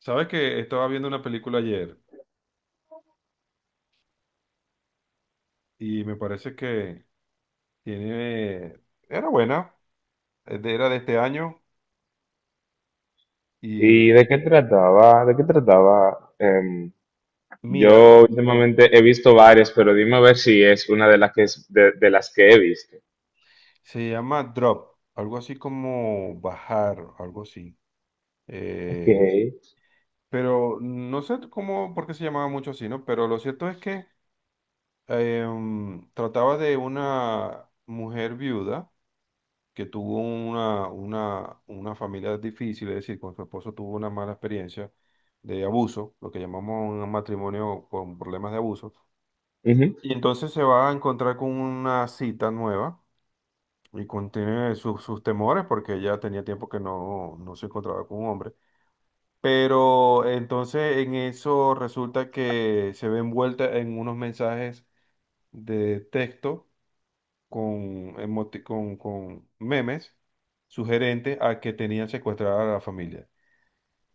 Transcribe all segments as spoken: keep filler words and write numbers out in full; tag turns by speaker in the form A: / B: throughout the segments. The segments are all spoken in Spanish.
A: Sabes que estaba viendo una película ayer y me parece que tiene, era buena, es de- era de este año y
B: ¿Y de qué trataba? ¿De qué trataba? Em,
A: mira,
B: yo últimamente he visto varias, pero dime a ver si es una de las que es de, de las que he visto.
A: se llama Drop, algo así como bajar, algo así.
B: Ok.
A: Eh, pero no sé cómo, por qué se llamaba mucho así, ¿no? Pero lo cierto es que em, trataba de una mujer viuda que tuvo una, una, una familia difícil, es decir, con su esposo tuvo una mala experiencia de abuso, lo que llamamos un matrimonio con problemas de abuso,
B: Ujú.
A: y entonces se va a encontrar con una cita nueva y contiene sus, sus temores porque ella tenía tiempo que no, no se encontraba con un hombre. Pero entonces en eso resulta que se ve envuelta en unos mensajes de texto con, emoti- con, con memes sugerentes a que tenían secuestrada a la familia.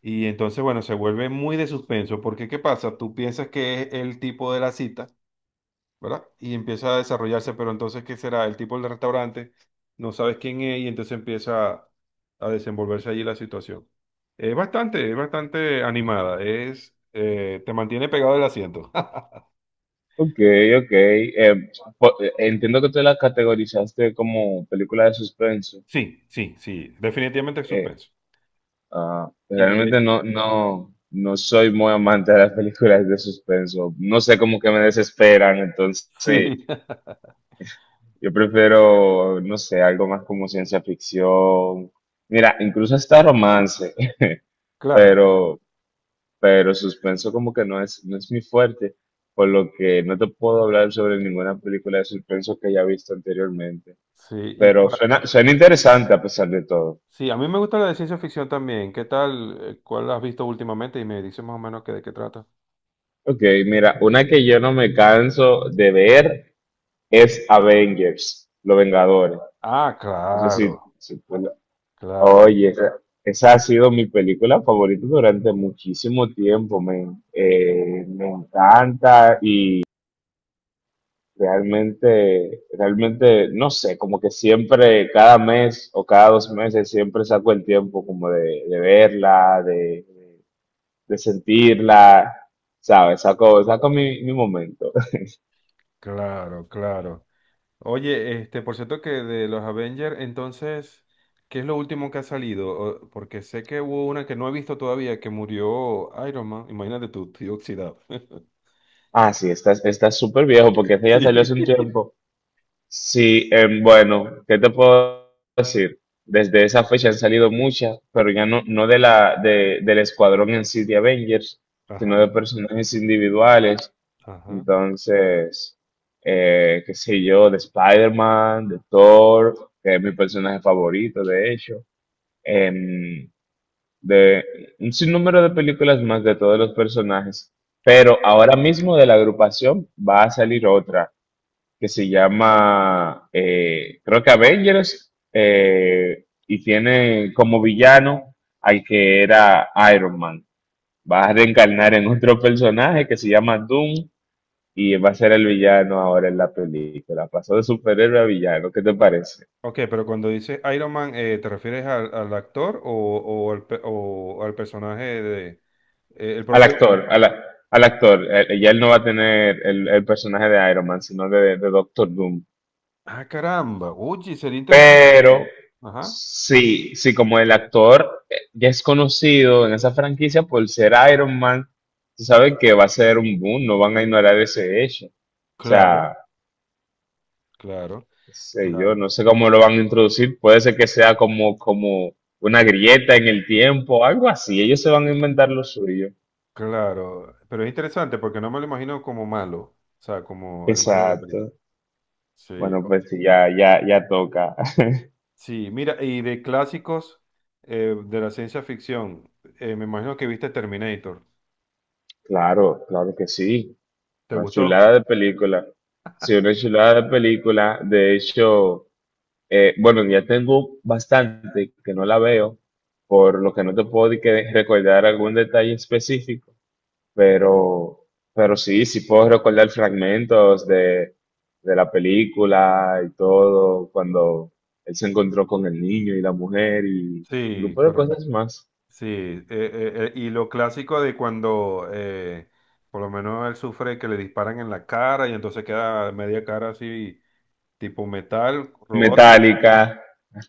A: Y entonces, bueno, se vuelve muy de suspenso, porque ¿qué pasa? Tú piensas que es el tipo de la cita, ¿verdad? Y empieza a desarrollarse, pero entonces, ¿qué será? El tipo del restaurante, no sabes quién es, y entonces empieza a desenvolverse allí la situación. Es bastante, es bastante animada, es, eh, te mantiene pegado el asiento.
B: Ok, ok. Em, po- eh, entiendo que tú la categorizaste como película de suspenso.
A: Sí, sí, sí, definitivamente es
B: Eh,
A: suspenso.
B: ah,
A: Y, eh,
B: realmente no, no, no soy muy amante de las películas de suspenso. No sé, como que me desesperan, entonces
A: sí.
B: yo prefiero, no sé, algo más como ciencia ficción. Mira, incluso hasta romance,
A: Claro, claro.
B: pero, pero suspenso como que no es, no es mi fuerte, por lo que no te puedo hablar sobre ninguna película de suspenso que haya visto anteriormente.
A: Sí, y
B: Pero
A: cuál-
B: suena, suena interesante a pesar de todo.
A: sí, a mí me gusta la de ciencia ficción también. ¿Qué tal? eh, ¿Cuál has visto últimamente? Y me dices más o menos que de qué trata.
B: Ok, mira, una que yo no me canso de ver es Avengers, Los Vengadores.
A: Ah,
B: No sé si,
A: claro,
B: si tú…
A: claro,
B: Oye, esa, esa ha sido mi película favorita durante muchísimo tiempo, men. Eh, me encanta y realmente, realmente, no sé, como que siempre, cada mes o cada dos meses, siempre saco el tiempo como de, de verla, de, de sentirla, ¿sabes? Saco, saco mi, mi momento.
A: claro, claro. Oye, este, por cierto que de los Avengers, entonces, ¿qué es lo último que ha salido? O- Porque sé que hubo una que no he visto todavía, que murió Iron Man. Imagínate tú, estoy oxidado.
B: Ah, sí, esta, esta es súper viejo porque esta ya
A: Sí.
B: salió hace un tiempo. Sí, em, bueno, ¿qué te puedo decir? Desde esa fecha han salido muchas, pero ya no, no de la, de- del escuadrón en sí de Avengers, sino de
A: Ajá,
B: personajes individuales.
A: ajá.
B: Entonces, eh, qué sé yo, de Spider-Man, de Thor, que es mi personaje favorito, de hecho. em, de un sinnúmero de películas más de todos los personajes. Pero ahora mismo de la agrupación va a salir otra que se llama, eh, creo que Avengers, eh, y tiene como villano al que era Iron Man. Va a reencarnar en otro personaje que se llama Doom y va a ser el villano ahora en la película. Pasó de superhéroe a villano, ¿qué te parece?
A: Ok, pero cuando dices Iron Man, eh, ¿te refieres al, al actor o, o al, pe- o al personaje de... Eh, el
B: Al
A: propio.
B: actor, al, al actor. Eh, Ya él no va a tener el, el personaje de Iron Man, sino de, de Doctor Doom.
A: Ah, caramba. Oye, sería interesante
B: Pero
A: verlo. Ajá.
B: sí, sí, como el actor eh, ya es conocido en esa franquicia por ser Iron Man, se sabe que va a ser un boom, no van a ignorar ese hecho. O
A: Claro,
B: sea,
A: claro,
B: qué sé yo,
A: claro,
B: no sé cómo lo van a introducir, puede ser que sea como, como una grieta en el tiempo, algo así, ellos se van a inventar lo suyo.
A: claro. Pero es interesante porque no me lo imagino como malo. O sea, como el malo de la
B: Exacto.
A: película. Sí.
B: Bueno,
A: o-
B: pues sí, ya, ya, ya toca.
A: Sí, mira, y de clásicos eh, de la ciencia ficción, eh, me imagino que viste Terminator.
B: Claro, claro que sí.
A: ¿Te
B: Una
A: gustó?
B: chulada de película. Sí, una chulada de película. De hecho, Eh, bueno, ya tengo bastante que no la veo, por lo que no te puedo di que recordar algún detalle específico, pero, pero sí, sí puedo recordar fragmentos de, de la película y todo, cuando él se encontró con el niño y la mujer y un
A: Sí,
B: grupo de
A: correcto.
B: cosas más.
A: Sí, eh, eh, eh, y lo clásico de cuando eh, por lo menos él sufre que le disparan en la cara y entonces queda media cara así tipo metal, robótico,
B: Metálica.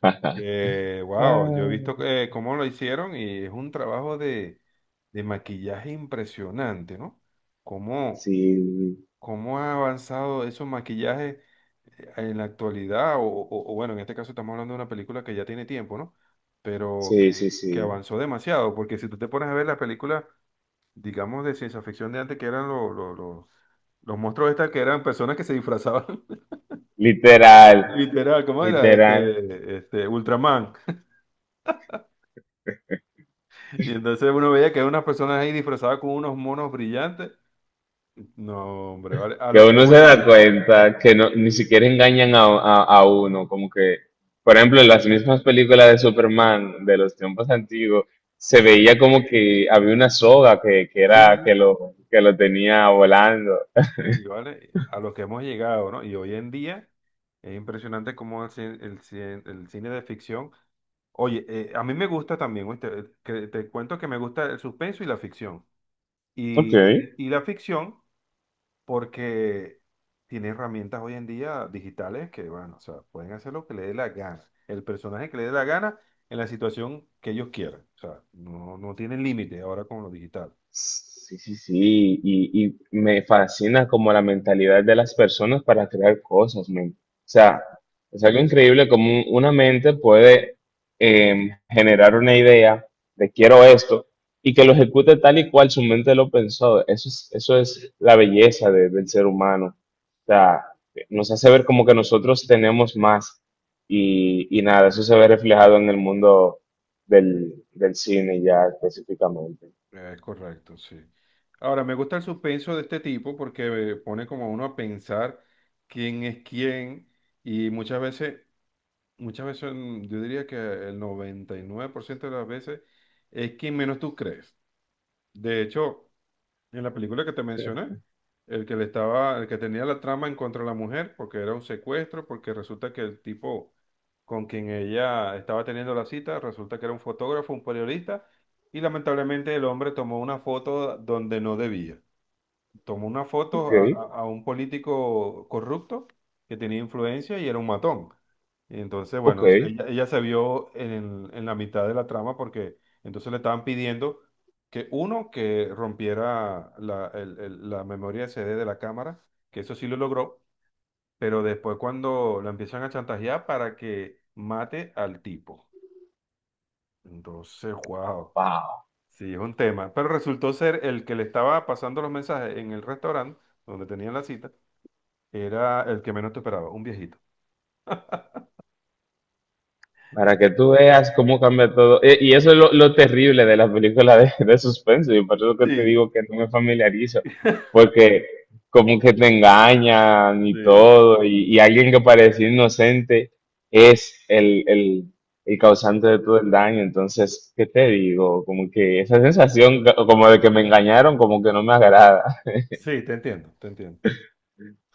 A: que, wow, yo he
B: Ah,
A: visto eh, cómo lo hicieron y es un trabajo de, de maquillaje impresionante, ¿no? Cómo,
B: sí,
A: cómo ha avanzado esos maquillajes eh, en la actualidad, o, o- o bueno, en este caso estamos hablando de una película que ya tiene tiempo, ¿no? Pero
B: sí, sí,
A: que, que
B: sí.
A: avanzó demasiado, porque si tú te pones a ver las películas, digamos, de ciencia ficción de antes, que eran los, los, los, los monstruos estas, que eran personas que se disfrazaban,
B: Literal,
A: literal, ¿cómo era?
B: literal.
A: Este, este, Ultraman. Y entonces uno veía que hay unas personas ahí disfrazadas con unos monos brillantes. No, hombre, ¿vale? A
B: Que
A: lo que
B: uno se
A: hemos
B: da
A: llegado.
B: cuenta que no, ni
A: Sí,
B: siquiera engañan a, a, a uno, como que, por ejemplo, en las mismas películas de Superman de los tiempos antiguos, se veía como que había una soga que, que era,
A: sí,
B: que lo, que lo tenía volando.
A: sí, ¿vale? A lo que hemos llegado, ¿no? Y hoy en día es impresionante cómo el, cine- el, cine el cine de ficción... Oye, eh, a mí me gusta también, ¿oíste? eh, Que te cuento que me gusta el suspenso y la ficción.
B: Ok.
A: Y, y, y la ficción porque tiene herramientas hoy en día digitales que, bueno, o sea, pueden hacer lo que le dé la gana, el personaje que le dé la gana en la situación que ellos quieran. O sea, no, no tienen límite ahora con lo digital.
B: Sí, sí, sí, y, y me fascina como la mentalidad de las personas para crear cosas, men. O sea, es algo increíble como un- una mente puede em, generar una idea de quiero esto y que lo ejecute tal y cual su mente lo pensó. Eso es, eso es la belleza de- del ser humano. O sea, nos hace ver como que nosotros tenemos más y, y nada, eso se ve reflejado en el mundo del, del cine ya específicamente.
A: Es correcto, sí. Ahora, me gusta el suspenso de este tipo porque eh, pone como a uno a pensar quién es quién y muchas veces, muchas veces mm, yo diría que el noventa y nueve por ciento de las veces es quien menos tú crees. De hecho, en la película que te mencioné, el que le estaba, el que tenía la trama en contra de la mujer, porque era un secuestro, porque resulta que el tipo con quien ella estaba teniendo la cita, resulta que era un fotógrafo, un periodista, y lamentablemente el hombre tomó una foto donde no debía, tomó una
B: Ok.
A: foto a, a- a un político corrupto que tenía influencia y era un matón. Y entonces,
B: Ok,
A: bueno, ella, ella se vio en, en la mitad de la trama porque entonces le estaban pidiendo que uno, que rompiera la, el- el- la memoria C D de la cámara, que eso sí lo logró, pero después cuando la empiezan a chantajear para que mate al tipo. Entonces, wow,
B: wow.
A: sí, es un tema. Pero resultó ser el que le estaba pasando los mensajes en el restaurante donde tenían la cita era el que menos te esperaba, un viejito.
B: Para que tú veas cómo cambia todo. E- Y eso es lo, lo terrible de las películas de, de suspenso. Y por eso que te
A: Sí,
B: digo que no me familiarizo. Porque como que te engañan y
A: sí.
B: todo. Y, y alguien que parecía inocente es el, el, el causante de todo el daño. Entonces, ¿qué te digo? Como que esa sensación co- como de que me engañaron, como que no me agrada.
A: Sí, te entiendo, te entiendo.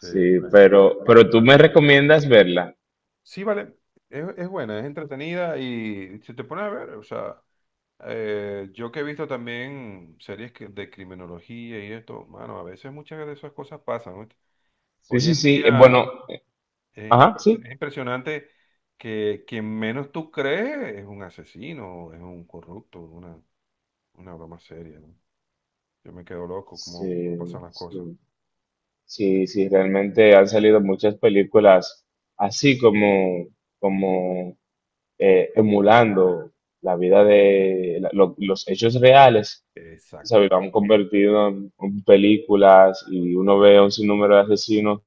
A: Sí, bueno.
B: pero, pero tú me recomiendas verla.
A: Sí, vale, es, es buena, es entretenida y si te pones a ver, o sea, eh, yo que he visto también series que- de criminología y esto, mano, a veces muchas de esas cosas pasan, ¿oíste?
B: Sí,
A: Hoy
B: sí,
A: en
B: sí. Eh, Bueno,
A: día es,
B: ajá,
A: impresi-
B: sí.
A: es impresionante que quien menos tú crees es un asesino, es un corrupto, una, una broma seria, ¿no? Yo me quedo loco cómo, cómo
B: Sí,
A: pasan las cosas.
B: sí, sí, sí, realmente han salido muchas películas así como, como eh, emulando la vida de la- lo- los hechos reales,
A: Exacto,
B: ¿sabes? Lo han convertido en, en películas y uno ve un sinnúmero de asesinos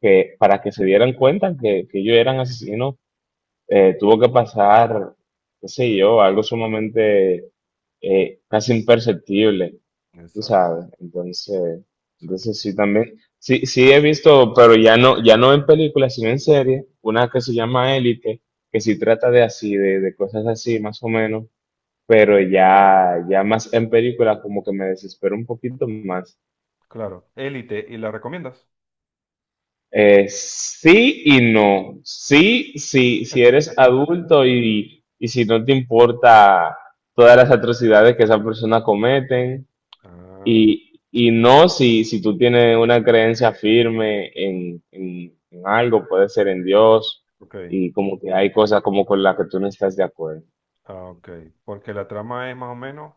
B: que para que se dieran cuenta que, que ellos eran asesinos eh, tuvo que pasar, qué sé yo, algo sumamente eh, casi imperceptible, tú
A: exacto,
B: sabes. Entonces,
A: exacto.
B: entonces sí también, sí, sí he visto, pero ya no, ya no en películas, sino en series, una que se llama Élite, que sí trata de así, de, de cosas así, más o menos, pero ya, ya más en películas como que me desespero un poquito más.
A: Claro, Élite, ¿y la recomiendas?
B: Eh, sí y no. Sí, sí, si eres adulto y, y si no te importa todas las atrocidades que esas personas cometen.
A: Ah,
B: Y, y no si, si tú tienes una creencia firme en, en- en algo, puede ser en Dios,
A: ok,
B: y como que hay cosas como con las que tú no estás de acuerdo.
A: ah, ok, porque la trama es más o menos.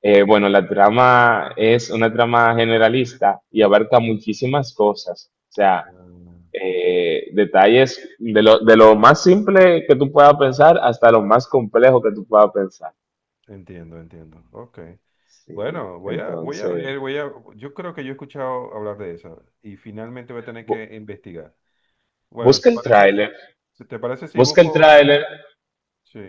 B: Eh, bueno, la trama es una trama generalista y abarca muchísimas cosas. O sea,
A: Ah,
B: eh, detalles de lo, de lo más simple que tú puedas pensar hasta lo más complejo que tú puedas pensar.
A: entiendo, entiendo. Ok.
B: Sí,
A: Bueno, voy a, voy a
B: entonces,
A: ver, voy a, yo creo que yo he escuchado hablar de esa y finalmente voy a tener
B: bu-
A: que investigar. Bueno,
B: busca
A: ¿te
B: el
A: parece,
B: tráiler,
A: si te parece si
B: busca el
A: busco?
B: tráiler,
A: Sí,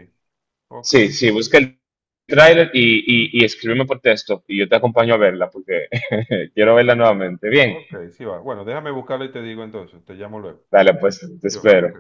A: ok,
B: sí, sí, busca el tráiler y, y, y escríbeme por texto y yo te acompaño a verla porque quiero verla nuevamente. Bien,
A: ok, sí va. Bueno, déjame buscarlo y te digo entonces, te llamo luego.
B: dale, pues te
A: Sí va, ok.
B: espero.